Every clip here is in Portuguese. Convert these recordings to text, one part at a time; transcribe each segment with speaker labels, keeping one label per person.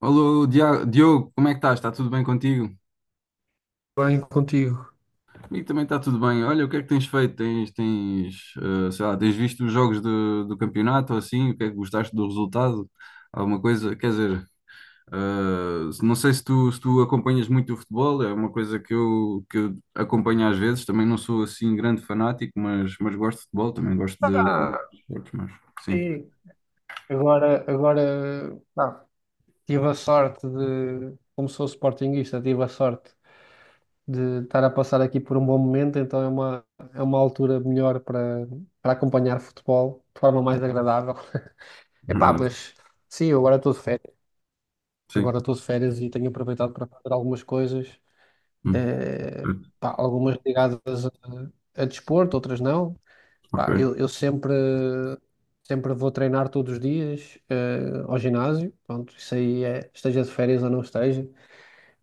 Speaker 1: Alô, Diogo, como é que estás? Está tudo bem contigo?
Speaker 2: Bem contigo.
Speaker 1: Comigo também está tudo bem. Olha, o que é que tens feito? Tens, sei lá, tens visto os jogos do campeonato ou assim? O que é que gostaste do resultado? Alguma coisa? Quer dizer, não sei se tu, se tu acompanhas muito o futebol, é uma coisa que eu acompanho às vezes. Também não sou assim grande fanático, mas gosto de futebol, também gosto de outros
Speaker 2: Ah,
Speaker 1: esportes, mas sim,
Speaker 2: sim. Agora, pá, tive a sorte de, como sou sportinguista, tive a sorte de estar a passar aqui por um bom momento, então é uma altura melhor para acompanhar futebol de forma mais agradável.
Speaker 1: na
Speaker 2: Epá,
Speaker 1: verdade,
Speaker 2: mas sim, eu agora estou de férias.
Speaker 1: sim.
Speaker 2: Agora estou de férias e tenho aproveitado para fazer algumas coisas,
Speaker 1: Hum,
Speaker 2: eh, pá, algumas ligadas a, a desporto, outras não.
Speaker 1: ok.
Speaker 2: Pá, eu sempre vou treinar todos os dias, ao ginásio. Pronto, isso aí é, esteja de férias ou não esteja.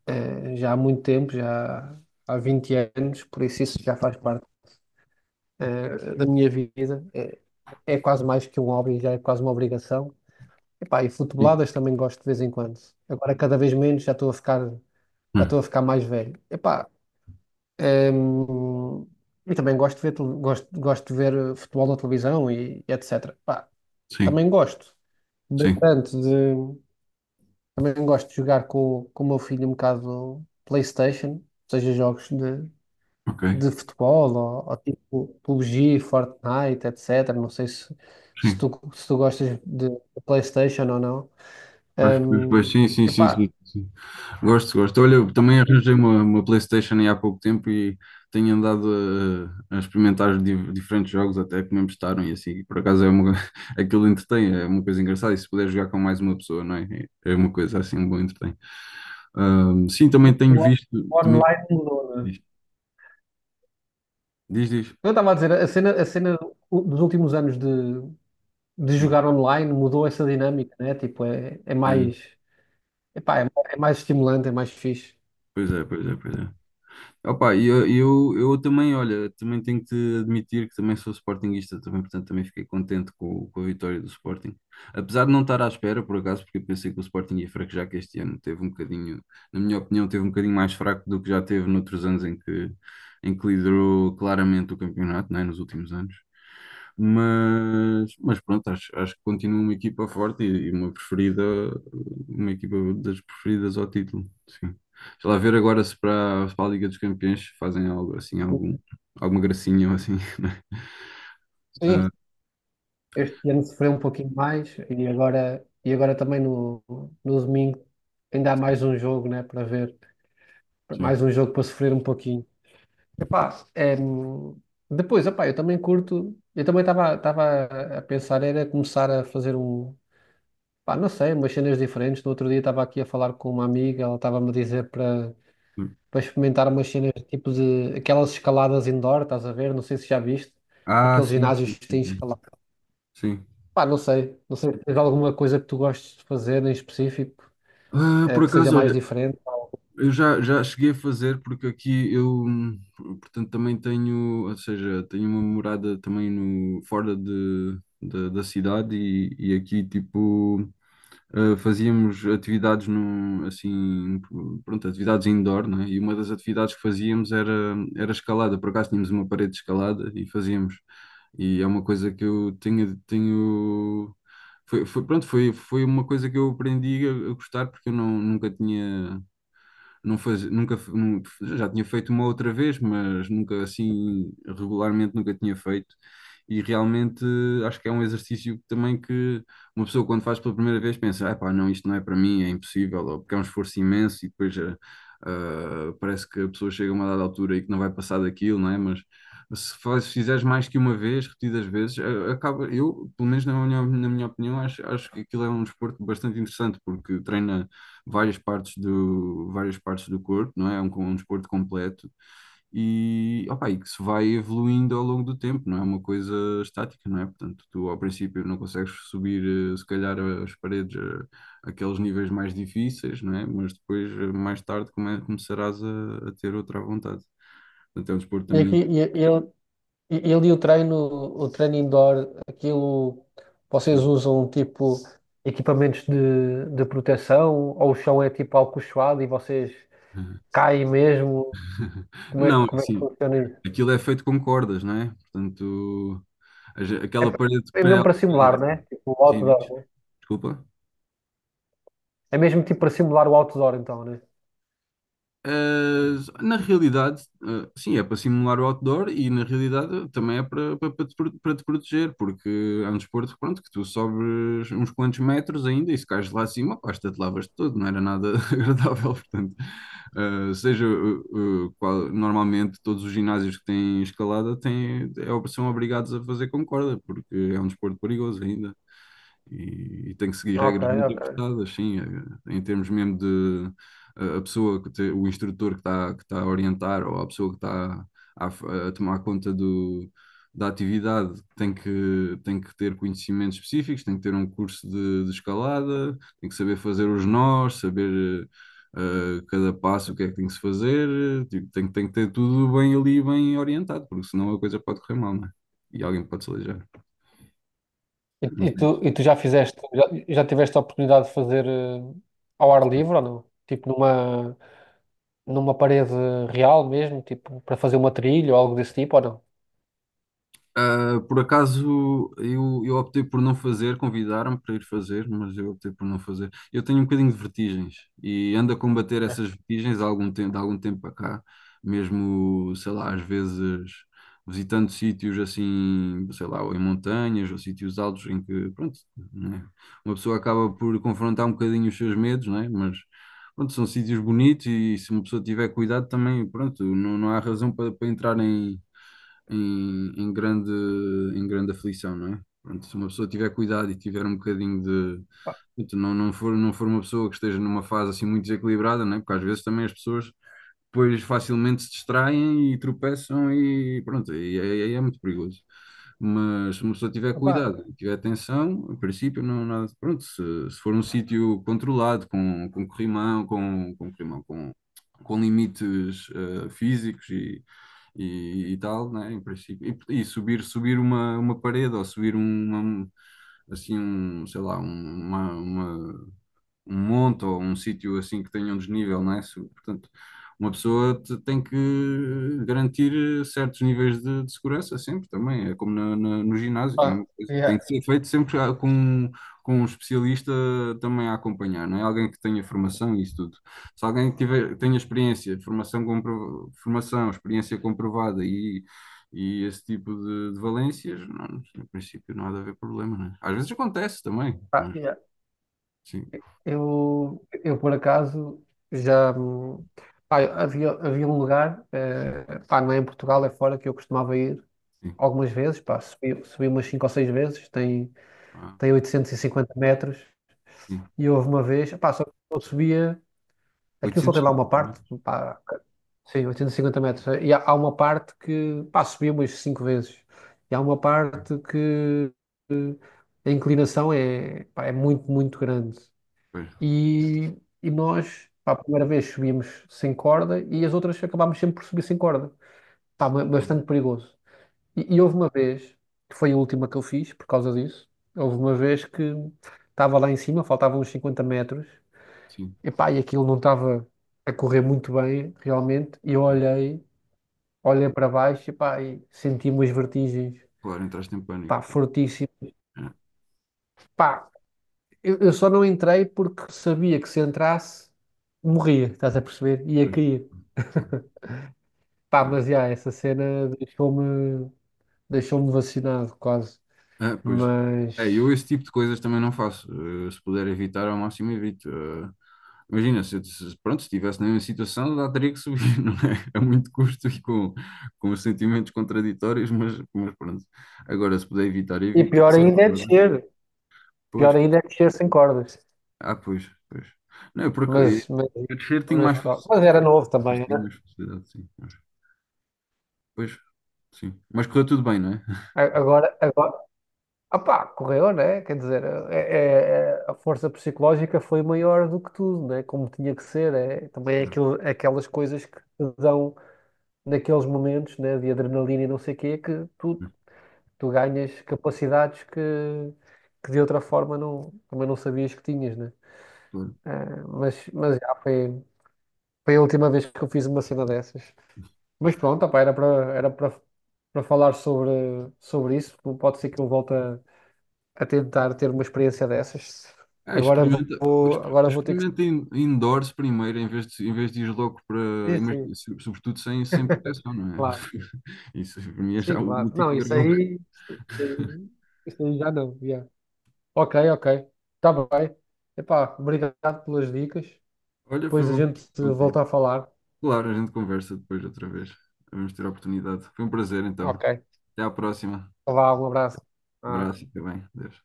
Speaker 2: Já há muito tempo, já há 20 anos, por isso já faz parte, da minha vida. É quase mais que um hobby, já é quase uma obrigação. E, pá, e
Speaker 1: Sim,
Speaker 2: futeboladas também gosto de vez em quando. Agora cada vez menos, já estou
Speaker 1: hum,
Speaker 2: a ficar mais velho. E, pá, ehm, e também gosto, gosto de ver futebol na televisão e etc. Pá,
Speaker 1: sim,
Speaker 2: também gosto
Speaker 1: sim,
Speaker 2: bastante de. Também gosto de jogar com o meu filho um bocado PlayStation, seja jogos
Speaker 1: ok.
Speaker 2: de futebol ou tipo PUBG, Fortnite, etc. Não sei
Speaker 1: Sim.
Speaker 2: se tu gostas de PlayStation ou não.
Speaker 1: Pois, pois,
Speaker 2: Hum,
Speaker 1: pois, sim, sim, sim,
Speaker 2: epá,
Speaker 1: sim, sim. Gosto, gosto. Olha, eu também
Speaker 2: o
Speaker 1: arranjei uma PlayStation aí há pouco tempo e tenho andado a experimentar diferentes jogos até que me emprestaram e assim. Por acaso é uma, aquilo entretém, é uma coisa engraçada. E se puder jogar com mais uma pessoa, não é? É uma coisa assim, um bom entretém. Sim, também tenho
Speaker 2: o
Speaker 1: visto, também,
Speaker 2: online mudou, né?
Speaker 1: diz, diz, diz.
Speaker 2: Eu estava a dizer, a cena dos últimos anos de
Speaker 1: Sim.
Speaker 2: jogar online mudou essa dinâmica, né? Tipo, é
Speaker 1: É,
Speaker 2: mais. Epá, é, é mais estimulante, é mais fixe.
Speaker 1: pois é, pois é, pois é. Opa, e eu também, olha, também tenho que te admitir que também sou sportinguista também, portanto também fiquei contente com a vitória do Sporting. Apesar de não estar à espera, por acaso, porque eu pensei que o Sporting ia fraquejar que este ano teve um bocadinho, na minha opinião, teve um bocadinho mais fraco do que já teve noutros anos em que liderou claramente o campeonato, não é? Nos últimos anos. Mas pronto, acho, acho que continua uma equipa forte e uma preferida, uma equipa das preferidas ao título, sim. Sei lá, ver agora se para a Liga dos Campeões fazem algo assim, algum, alguma gracinha ou assim,
Speaker 2: Sim,
Speaker 1: né? Ah,
Speaker 2: este ano sofreu um pouquinho mais e agora também no domingo ainda há mais um jogo, né, para ver,
Speaker 1: sim.
Speaker 2: mais um jogo para sofrer um pouquinho. Epá, é, depois, epá, eu também curto, eu também estava a pensar, era começar a fazer pá, não sei, umas cenas diferentes. No outro dia estava aqui a falar com uma amiga, ela estava-me a dizer para experimentar umas cenas tipo de aquelas escaladas indoor, estás a ver? Não sei se já viste,
Speaker 1: Ah,
Speaker 2: aqueles
Speaker 1: sim, sim,
Speaker 2: ginásios que têm
Speaker 1: sim. Sim.
Speaker 2: escalada.
Speaker 1: Sim.
Speaker 2: Pá, não sei. Não sei se tens alguma coisa que tu gostes de fazer em específico,
Speaker 1: Ah, por
Speaker 2: que seja
Speaker 1: acaso,
Speaker 2: mais
Speaker 1: olha,
Speaker 2: diferente.
Speaker 1: eu já, já cheguei a fazer, porque aqui eu, portanto, também tenho, ou seja, tenho uma morada também no, fora de, da cidade e aqui, tipo, fazíamos atividades num, assim, pronto, atividades indoor, não é? E uma das atividades que fazíamos era, era escalada. Por acaso tínhamos uma parede de escalada e fazíamos. E é uma coisa que eu tenho, tenho pronto, foi, foi uma coisa que eu aprendi a gostar porque eu não, nunca tinha, não faz, nunca, nu- já tinha feito uma outra vez, mas nunca assim, regularmente nunca tinha feito. E realmente acho que é um exercício que também que uma pessoa quando faz pela primeira vez pensa, ah, pá, não, isto não é para mim, é impossível, ou porque é um esforço imenso e depois ah, parece que a pessoa chega a uma dada altura e que não vai passar daquilo, não é? Mas se fizeres mais que uma vez, repetidas vezes, acaba, eu, pelo menos na minha opinião, acho, acho que aquilo é um desporto bastante interessante, porque treina várias partes do corpo, não é? É um, um desporto completo e, opa, e que se vai evoluindo ao longo do tempo, não é uma coisa estática, não é? Portanto, tu ao princípio não consegues subir, se calhar, as paredes, aqueles níveis mais difíceis, não é? Mas depois, mais tarde, começarás a ter outra à vontade. Portanto, é um desporto
Speaker 2: E aqui,
Speaker 1: também,
Speaker 2: e- ele, e- ele e o treino indoor, aquilo, vocês
Speaker 1: sim.
Speaker 2: usam tipo equipamentos de proteção ou o chão é tipo alcochoado e vocês caem mesmo?
Speaker 1: Não,
Speaker 2: Como é que
Speaker 1: sim,
Speaker 2: funciona isso?
Speaker 1: aquilo é feito com cordas, não é? Portanto,
Speaker 2: É,
Speaker 1: aquela parede
Speaker 2: é
Speaker 1: que é
Speaker 2: mesmo para simular, né? Tipo o
Speaker 1: sim, diz,
Speaker 2: outdoor.
Speaker 1: desculpa.
Speaker 2: É mesmo tipo para simular o outdoor, então, né?
Speaker 1: Ah, na realidade, ah, sim, é para simular o outdoor e na realidade também é para, para te proteger, porque é um desporto, pronto, que tu sobres uns quantos metros ainda e se cais lá acima, pá, te lavas todo, não era nada agradável, portanto, ah, seja normalmente todos os ginásios que têm escalada têm, é, são obrigados a fazer com corda, porque é um desporto perigoso ainda. E tem que seguir
Speaker 2: Ok,
Speaker 1: regras muito
Speaker 2: ok.
Speaker 1: apertadas, sim, em termos mesmo de a pessoa, o instrutor que está que tá a orientar ou a pessoa que está a, a tomar conta do, da atividade tem que ter conhecimentos específicos, tem que ter um curso de escalada, tem que saber fazer os nós, saber cada passo o que é que tem que se fazer, tipo, tem, tem que ter tudo bem ali, bem orientado, porque senão a coisa pode correr mal, não é? E alguém pode se aleijar. Mas é
Speaker 2: E tu já fizeste, já tiveste a oportunidade de fazer ao ar livre ou não? Numa parede real mesmo, tipo para fazer uma trilha ou algo desse tipo ou não?
Speaker 1: ah, por acaso eu optei por não fazer, convidaram-me para ir fazer, mas eu optei por não fazer. Eu tenho um bocadinho de vertigens e ando a combater essas vertigens há algum tempo, de algum tempo para cá, mesmo, sei lá, às vezes visitando sítios assim, sei lá, ou em montanhas ou sítios altos em que, pronto, né, uma pessoa acaba por confrontar um bocadinho os seus medos, né? Mas pronto, são sítios bonitos e se uma pessoa tiver cuidado também, pronto, não, não há razão para, para entrar em, em grande aflição, não é? Pronto, se uma pessoa tiver cuidado e tiver um bocadinho de. Portanto, não, não for uma pessoa que esteja numa fase assim muito desequilibrada, não é? Porque às vezes também as pessoas depois facilmente se distraem e tropeçam e pronto, e aí é, muito perigoso. Mas se uma pessoa tiver
Speaker 2: Opa,
Speaker 1: cuidado e tiver atenção, em princípio não há nada, pronto, se for um sítio controlado, com corrimão, com corrimão, com limites físicos e tal, né, em princípio, e subir, subir uma parede ou subir uma, assim um, sei lá, uma, um monte ou um sítio assim que tenha um desnível, não é? Portanto, uma pessoa tem que garantir certos níveis de segurança sempre também, é como no ginásio, a
Speaker 2: ah,
Speaker 1: mesma coisa.
Speaker 2: yeah,
Speaker 1: Tem que ser feito sempre com um especialista também a acompanhar, não é? Alguém que tenha formação e isso tudo. Se alguém tiver, tenha experiência, formação, compro, formação, experiência comprovada e esse tipo de valências, não, em princípio não há de haver problema, né? Às vezes acontece também,
Speaker 2: ah,
Speaker 1: mas
Speaker 2: yeah.
Speaker 1: sim,
Speaker 2: Eu por acaso já pá, havia, havia um lugar, eh, pá, não é em Portugal, é fora que eu costumava ir
Speaker 1: sim.
Speaker 2: algumas vezes, pá, subi, subi umas 5 ou 6 vezes,
Speaker 1: Ah.
Speaker 2: tem 850 metros,
Speaker 1: Sim.
Speaker 2: e houve uma vez, pá, só que eu subia. Aquilo só tem lá uma
Speaker 1: 850, né?
Speaker 2: parte, pá, sim, 850 metros. Há uma parte que, pá, subi umas cinco vezes. E há uma parte que eh, a inclinação é, pá, é muito, muito grande.
Speaker 1: Pois.
Speaker 2: E, e nós, pá, a primeira vez subimos sem corda e as outras acabámos sempre por subir sem corda. Pá, ba-
Speaker 1: Sim,
Speaker 2: bastante perigoso. E houve uma vez, que foi a última que eu fiz por causa disso, houve uma vez que estava lá em cima, faltavam uns 50 metros.
Speaker 1: sim.
Speaker 2: Epá, e aquilo não estava a correr muito bem, realmente. E eu olhei, olhei para baixo, epá, e senti umas vertigens,
Speaker 1: Claro, entraste em pânico.
Speaker 2: pá,
Speaker 1: Pois.
Speaker 2: fortíssimas.
Speaker 1: Ah,
Speaker 2: Pá, eu só não entrei porque sabia que se entrasse, morria, estás a perceber? Ia
Speaker 1: pois,
Speaker 2: cair.
Speaker 1: claro,
Speaker 2: Pá,
Speaker 1: pois.
Speaker 2: mas já, essa cena deixou-me vacinado quase.
Speaker 1: É, pois. É,
Speaker 2: Mas...
Speaker 1: eu esse tipo de coisas também não faço. Se puder evitar, ao máximo evito. Eh, imagina, se, eu- se- pronto, se estivesse na mesma situação, já teria que subir, não é? A muito custo e com sentimentos contraditórios, mas pronto. Agora, se puder evitar,
Speaker 2: E
Speaker 1: evito. E
Speaker 2: pior
Speaker 1: sim,
Speaker 2: ainda é
Speaker 1: claro.
Speaker 2: descer. Pior
Speaker 1: Pois, claro.
Speaker 2: ainda é descer sem cordas.
Speaker 1: Ah, pois, pois. Não, é porque
Speaker 2: Mas, mas,
Speaker 1: eu descer tenho mais
Speaker 2: pá, mas
Speaker 1: facilidade.
Speaker 2: era novo também,
Speaker 1: Tenho
Speaker 2: né?
Speaker 1: mais facilidade, sim. Pois, sim. Mas correu tudo bem, não é?
Speaker 2: A- Agora, agora, ah pá, correu, né? Quer dizer, a força psicológica foi maior do que tudo, né? Como tinha que ser. É, também é
Speaker 1: Claro,
Speaker 2: aquilo- aquelas coisas que te dão naqueles momentos, né? De adrenalina e não sei o quê, que tu, tu ganhas capacidades que de outra forma não, também não sabias que tinhas, né?
Speaker 1: claro.
Speaker 2: É, mas já foi, foi a última vez que eu fiz uma cena dessas. Mas pronto, opá, era para falar sobre, sobre isso. Pode ser que eu volte a tentar ter uma experiência dessas.
Speaker 1: É, experimenta,
Speaker 2: Agora vou ter que.
Speaker 1: experimenta indoors primeiro, em vez de ir logo para.
Speaker 2: Sim, sim,
Speaker 1: Sobretudo sem, sem proteção, não é?
Speaker 2: claro.
Speaker 1: Isso para mim é já
Speaker 2: Sim,
Speaker 1: o
Speaker 2: claro.
Speaker 1: último
Speaker 2: Não,
Speaker 1: grau.
Speaker 2: isso aí, isso aí já não. já. Ok, ok. Está bem. Epá, obrigado pelas dicas.
Speaker 1: Olha, foi
Speaker 2: Depois a
Speaker 1: bom
Speaker 2: gente
Speaker 1: conversar contigo.
Speaker 2: volta a falar.
Speaker 1: Claro, a gente conversa depois outra vez. Vamos ter a oportunidade. Foi um prazer, então.
Speaker 2: Ok.
Speaker 1: Até à próxima.
Speaker 2: Vá, um abraço. Ah,
Speaker 1: Abraço e fica bem. Adeus.